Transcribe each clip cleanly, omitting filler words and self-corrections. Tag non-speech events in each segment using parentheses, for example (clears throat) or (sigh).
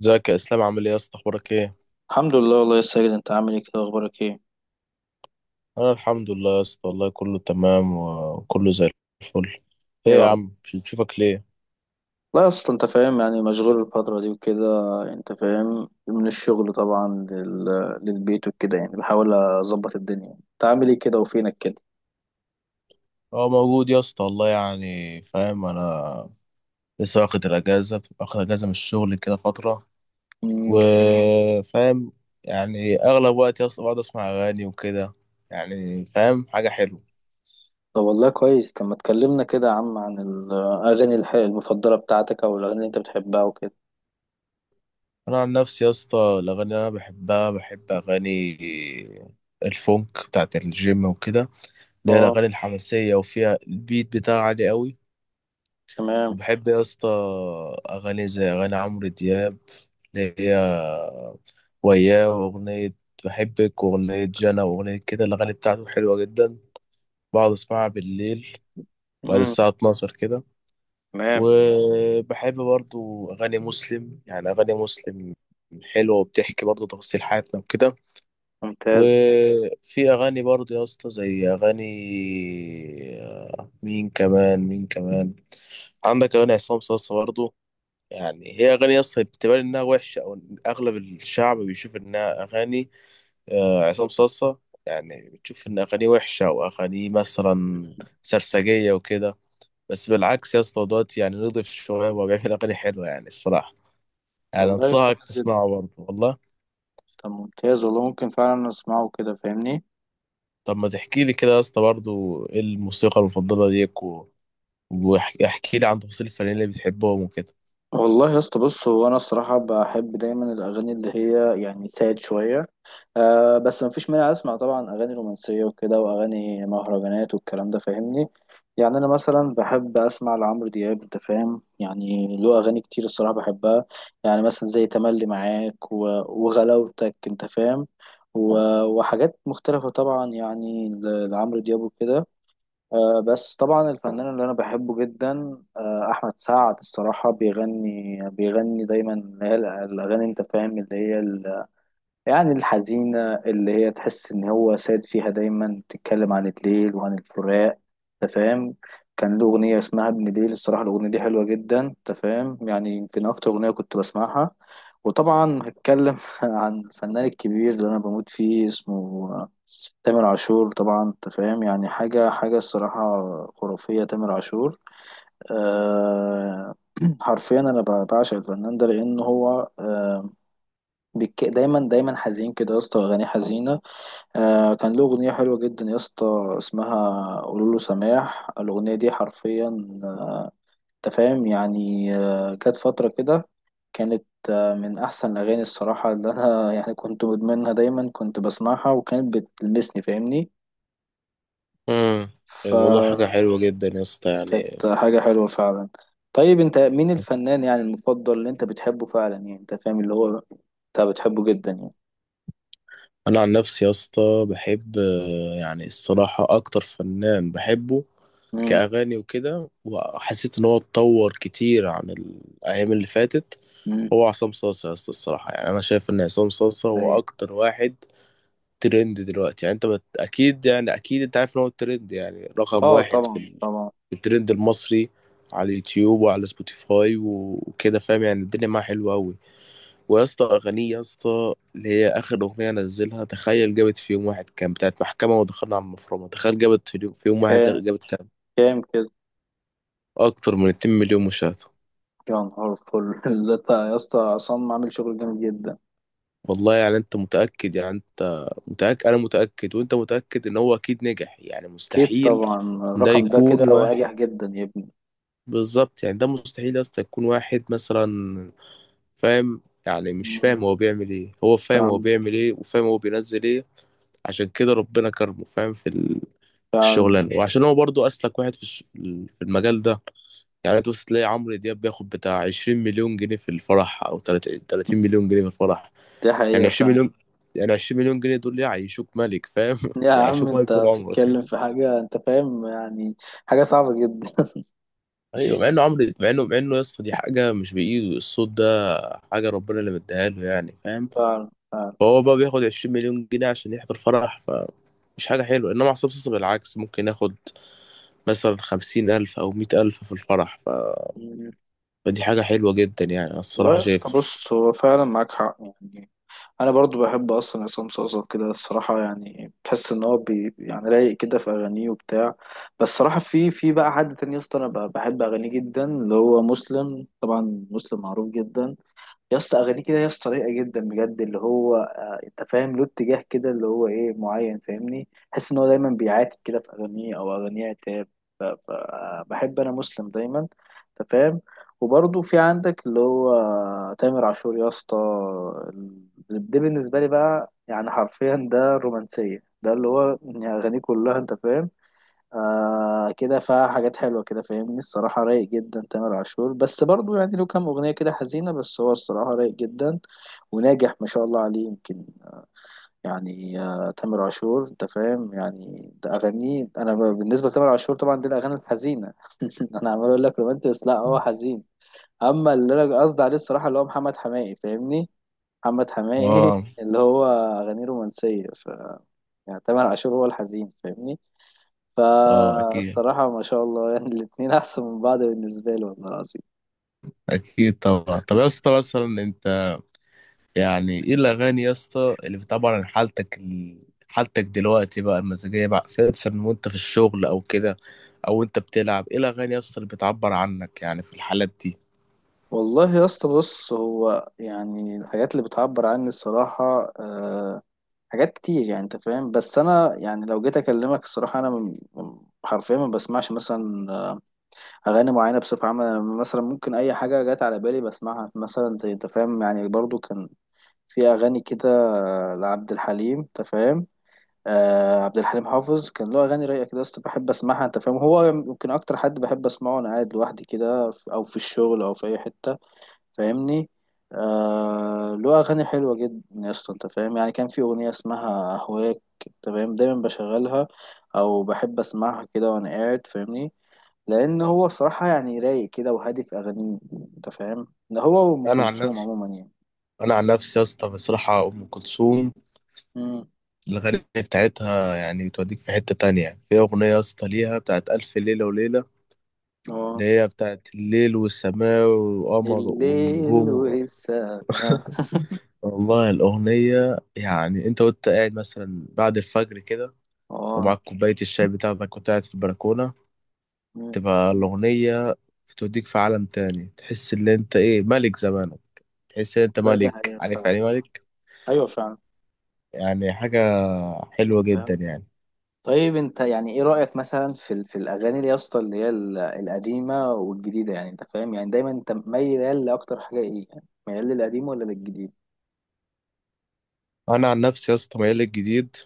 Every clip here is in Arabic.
ازيك يا اسلام، عامل ايه يا اسطى؟ اخبارك ايه؟ الحمد لله، والله يا ساجد. انت عامل ايه كده؟ اخبارك ايه؟ انا الحمد لله يا اسطى، والله كله تمام وكله زي الفل. ايه يا يا رب. عم، مش بتشوفك ليه؟ لا، اصلا انت فاهم يعني مشغول الفترة دي وكده. انت فاهم، من الشغل طبعا للبيت وكده، يعني بحاول اظبط الدنيا. انت عامل ايه كده وفينك كده؟ اه، موجود يا اسطى والله، يعني فاهم، انا لسه واخد اجازه من الشغل كده فتره، امم. وفاهم يعني اغلب وقت يا اسطى بقعد اسمع اغاني وكده، يعني فاهم حاجه حلوه. طب والله كويس. طب ما تكلمنا كده يا عم عن الاغاني المفضلة بتاعتك او الاغاني اللي انت بتحبها وكده. انا عن نفسي يا اسطى، الاغاني اللي انا بحبها، بحب اغاني الفونك بتاعت الجيم وكده، اللي هي اه، الأغاني الحماسية وفيها البيت بتاعها عالي قوي. تمام. وبحب يا اسطى أغاني زي أغاني عمرو دياب، اللي هي وياه، وأغنية بحبك، وأغنية جنى، وأغنية كده. الأغاني بتاعته حلوة جدا، بقعد أسمعها بالليل بعد امم. الساعة 12 كده. تمام. وبحب برضو أغاني مسلم، يعني أغاني مسلم حلوة وبتحكي برضو تفاصيل حياتنا وكده. ممتاز. وفي أغاني برضو يا اسطى زي أغاني، مين كمان، مين كمان؟ عندك اغاني عصام صاصا برضه. يعني هي اغاني اصلا بتبان انها وحشه، او إن اغلب الشعب بيشوف انها اغاني، عصام صاصا. يعني بتشوف ان اغانيه وحشه، او اغانيه مثلا سرسجيه وكده. بس بالعكس يا اسطى دوت يعني نضيف شويه، وهو بيعمل اغاني حلوه يعني الصراحه. يعني والله انصحك كويس جدا. تسمعه برضه والله. طب ممتاز والله، ممكن فعلا نسمعه كده فاهمني. طب ما تحكي لي كده يا اسطى برضه، ايه الموسيقى المفضله ليك واحكي لي عن تفاصيل الفنانين اللي بتحبهم وكده؟ والله يا اسطى، بص هو انا الصراحه بحب دايما الاغاني اللي هي يعني ساد شويه. أه بس ما فيش مانع، اسمع طبعا اغاني رومانسيه وكده واغاني مهرجانات والكلام ده فاهمني. يعني انا مثلا بحب اسمع لعمرو دياب، انت فاهم يعني له اغاني كتير الصراحه بحبها. يعني مثلا زي تملي معاك وغلاوتك، انت فاهم، وحاجات مختلفه طبعا يعني لعمرو دياب وكده. بس طبعا الفنان اللي انا بحبه جدا احمد سعد. الصراحه بيغني بيغني دايما اللي هي الاغاني، انت فاهم، اللي هي يعني الحزينة، اللي هي تحس إن هو ساد فيها. دايما بتتكلم عن الليل وعن الفراق، تفهم. كان له أغنية اسمها ابن ليل. الصراحة الأغنية دي حلوة جدا، تفهم، يعني يمكن أكتر أغنية كنت بسمعها. وطبعا هتكلم (laughs) عن الفنان الكبير اللي أنا بموت فيه. اسمه تامر عاشور طبعا، تفهم يعني. حاجة حاجة الصراحة خرافية، تامر عاشور. أه. (clears throat) حرفيا أنا بعشق الفنان ده، لأن هو دايما دايما حزين كده يا اسطى. اغاني حزينه. كان له اغنيه حلوه جدا يا اسطى، اسمها قولوا له سماح. الاغنيه دي حرفيا، آه، انت فاهم يعني. كانت فتره كده. كانت من احسن الاغاني الصراحه اللي انا (laughs) يعني كنت مدمنها. دايما كنت بسمعها وكانت بتلمسني فاهمني. امم. والله حاجة فكانت حلوة جدا يا اسطى يعني. حاجه حلوه فعلا. طيب انت مين الفنان يعني المفضل اللي انت بتحبه فعلا؟ يعني انت فاهم اللي هو انت بتحبه جدا يعني. انا عن نفسي يا اسطى بحب، يعني الصراحه اكتر فنان بحبه كاغاني وكده، وحسيت ان هو اتطور كتير عن الايام اللي فاتت. هو عصام صاصا يا اسطى الصراحه، يعني انا شايف ان عصام صاصا امم. هو اكتر واحد ترند دلوقتي. يعني اكيد، يعني اكيد انت عارف ان هو الترند يعني رقم اه واحد طبعا طبعا. في الترند المصري، على اليوتيوب وعلى سبوتيفاي وكده، فاهم يعني الدنيا معاه حلوه قوي. ويا اسطى اغانيه يا اسطى اللي هي اخر اغنيه نزلها، تخيل جابت في يوم واحد كام؟ بتاعت محكمه ودخلنا على المفرمه، تخيل في يوم واحد كام؟ جابت كام؟ كام كده؟ اكتر من 2 مليون مشاهده. يا نهار فل! (laughs) يا اسطى عصام عامل شغل جامد جدا. والله يعني انت متاكد، يعني انت متاكد، انا متاكد وانت متاكد ان هو اكيد نجح، يعني اكيد مستحيل طبعا ده الرقم ده كده يكون واحد. وناجح جدا يا ابني. بالظبط، يعني ده مستحيل يا اسطى يكون واحد مثلا، فاهم. يعني مش فاهم (laughs) هو بيعمل ايه، هو فاهم هو بيعمل ايه وفاهم هو بينزل ايه. عشان كده ربنا كرمه، فاهم، في مم. الشغلانه، وعشان هو برضو اسلك واحد في المجال ده. يعني تبص تلاقي عمرو دياب بياخد بتاع 20 مليون جنيه في الفرح، او 30 مليون جنيه في الفرح. دي يعني حقيقة 20 فعلا. مليون، يعني 20 مليون جنيه دول يعيشوك ملك، فاهم يا (laughs) عم يعيشوك ملك انت طول عمرك. بتتكلم في حاجة، انت فاهم يعني، حاجة صعبة جدا. (laughs) ايوه، مع انه عمرو، مع انه يا اسطى دي حاجه مش بايده الصوت ده، حاجه ربنا اللي مديها له يعني فاهم. فعلا فعلا. فهو بقى بياخد 20 مليون جنيه عشان يحضر فرح، مش حاجة حلوة. إنما عصام صاصا بالعكس ممكن ياخد مثلا 50 ألف أو 100 ألف في الفرح، مم. فدي حاجة حلوة جدا يعني، أنا والله الصراحة يا اسطى شايف. بص، هو فعلا معاك حق يعني. انا برضو بحب اصلا عصام صاصا كده الصراحه، يعني بحس ان هو يعني رايق كده في اغانيه وبتاع. بس الصراحه في بقى حد تاني يا اسطى، انا بحب اغانيه جدا، اللي هو مسلم طبعا. مسلم معروف جدا يا اسطى، اغانيه كده يا اسطى رايقه جدا بجد، اللي هو انت فاهم له اتجاه كده اللي هو ايه معين، فاهمني، تحس ان هو دايما بيعاتب كده في اغانيه، او اغانيه عتاب. فبحب انا مسلم دايما، انت فاهم. وبرضه في عندك اللي هو تامر عاشور يا اسطى. ال- ده بالنسبه لي بقى يعني حرفيا ده الرومانسيه، ده اللي هو يعني اغانيه كلها انت فاهم كده فيها حاجات حلوة كده فاهمني. الصراحة رايق جدا تامر عاشور، بس برضو يعني له كام أغنية كده حزينة، بس هو الصراحة رايق جدا وناجح ما شاء الله عليه. يمكن يعني تامر عاشور، أنت فاهم يعني، ده أغانيه أنا بالنسبة لتامر عاشور طبعا دي الأغاني الحزينة. (laughs) أنا عمال أقول لك رومانتس، لا هو حزين. أما اللي أنا قصدي عليه الصراحة اللي هو محمد حماقي، فاهمني، محمد حماقي اه، (laughs) اللي هو أغانيه رومانسية. يعني تامر عاشور هو الحزين، فاهمني. اه، اكيد فالصراحة ما شاء الله يعني الاتنين أحسن من بعض بالنسبة لي، والله العظيم. اكيد طبعا. طب يا اسطى مثلا انت، يعني ايه الاغاني يا اسطى اللي بتعبر عن حالتك دلوقتي بقى، المزاجيه بقى مثلا وانت في الشغل او كده، او انت بتلعب ايه الاغاني يا اسطى اللي بتعبر عنك يعني في الحالات دي؟ والله يا اسطى بص، هو يعني الحاجات اللي بتعبر عني الصراحة حاجات كتير، يعني أنت فاهم. بس أنا يعني لو جيت أكلمك الصراحة، أنا حرفيا ما بسمعش مثلا أغاني معينة بصفة عامة. أنا مثلا ممكن أي حاجة جت على بالي بسمعها، مثلا زي أنت فاهم يعني، برضو كان في أغاني كده، لعبد الحليم، أنت فاهم. عبد الحليم حافظ كان له اغاني رايقه كده يا اسطى، بحب اسمعها، انت فاهم. هو يمكن اكتر حد بحب اسمعه وانا قاعد لوحدي كده، او في الشغل او في اي حته فاهمني. له اغاني حلوه جدا يا اسطى، انت فاهم يعني كان في اغنيه اسمها اهواك، انت فاهم، دايما بشغلها او بحب اسمعها كده وانا قاعد فاهمني، لان هو بصراحه يعني رايق كده وهادي في اغانيه، انت فاهم. ده هو وام انا عن كلثوم نفسي عموما يعني. انا عن نفسي يا اسطى بصراحه، ام كلثوم امم. الاغاني بتاعتها يعني بتوديك في حته تانية، في اغنيه يا اسطى ليها بتاعت الف ليله وليله، اه. اللي هي بتاعت الليل والسماء والقمر والنجوم الليل والسماء. (laughs) والله الأغنية، يعني أنت، وأنت قاعد مثلا بعد الفجر كده، اه. ومعاك كوباية الشاي بتاعتك وأنت قاعد في البلكونة، تبقى الأغنية بتوديك في عالم تاني، تحس إن أنت إيه ملك زمانك، تحس إن أنت والله دي ملك، حقيقة عارف فعلا. يعني إيه ملك. أيوة فعلا. يعني حاجة حلوة جدا فاهم. يعني. طيب أنت يعني إيه رأيك مثلا في في الأغاني اللي يا اسطى اللي هي القديمة والجديدة؟ يعني أنت فاهم يعني دايما أنت ميال لأكتر حاجة إيه، يعني ميال للقديم ولا للجديد؟ أنا عن نفسي يا اسطى ميال للجديد.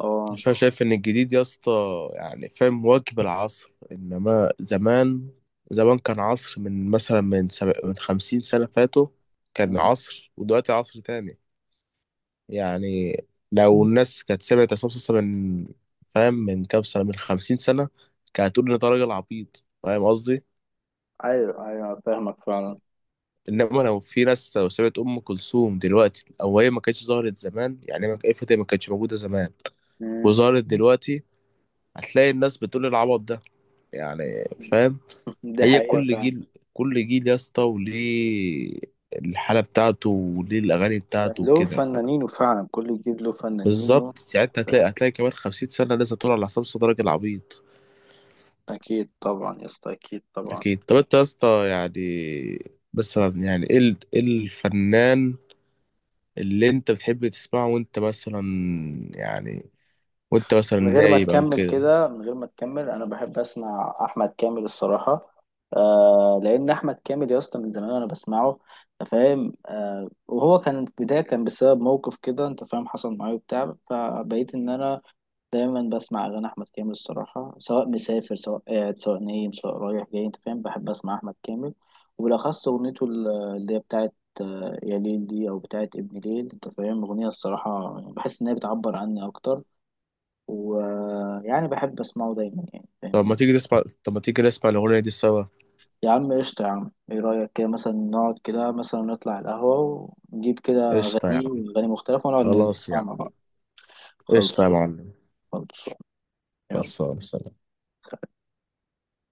أه. مش، انا شايف ان الجديد يا اسطى يعني فاهم واجب العصر، انما زمان، زمان كان عصر من مثلا من 50 سنة فاتوا، كان مم. عصر ودلوقتي عصر تاني. يعني لو الناس كانت سمعت عصام صاصا من، فاهم، من كام سنة، من 50 سنة، كانت هتقول ان ده راجل عبيط، فاهم قصدي. أيوة أيوة فاهمك فعلا. انما لو في ناس لو سمعت ام كلثوم دلوقتي، او هي ما كانتش ظهرت زمان، يعني ما كانتش موجودة زمان مم. وظهرت دلوقتي، هتلاقي الناس بتقول العبط ده يعني، فاهم. (laughs) دي هي حقيقة كل فعلا، جيل، كل جيل يا اسطى وليه الحالة بتاعته وليه الأغاني بتاعته له وكده. فنانينه، فعلا كل جديد له فنانينه، بالظبط يعني، انت أنت فاهم. هتلاقي كمان 50 سنة لسه طول على حساب صدرك العبيط. أكيد طبعا يا اسطى، أكيد طبعا. أكيد. طب انت يا اسطى يعني مثلا، يعني ايه الفنان اللي انت بتحب تسمعه وانت مثلا، يعني وانت مثلا من غير ما نايم أو تكمل كده؟ كده، من غير ما تكمل، انا بحب اسمع احمد كامل الصراحه. آه لان احمد كامل يا اسطى من زمان وانا بسمعه، أنت فاهم. وهو كان في البدايه، كان بسبب موقف كده انت فاهم حصل معايا وبتاع، فبقيت ان انا دايما بسمع اغاني احمد كامل الصراحه، سواء مسافر سواء قاعد سواء نايم سواء رايح جاي، انت فاهم، بحب اسمع احمد كامل. وبالاخص اغنيته اللي هي بتاعت يا ليل دي، او بتاعت ابن ليل، انت فاهم اغنيه الصراحه يعني بحس ان هي بتعبر عني اكتر، ويعني بحب اسمعه دايما يعني فاهمني. طب ما تيجي نسمع الأغنية دي سوا. يا عم قشطة يا عم، ايه رأيك كده مثلا نقعد كده مثلا نطلع القهوة ونجيب كده قشطة يا أغاني عم. وأغاني مختلفة ونقعد خلاص يا نسمع مع عم. بعض؟ خلص. قشطة يا معلم. خلص. يلا. خلصانة. سلام.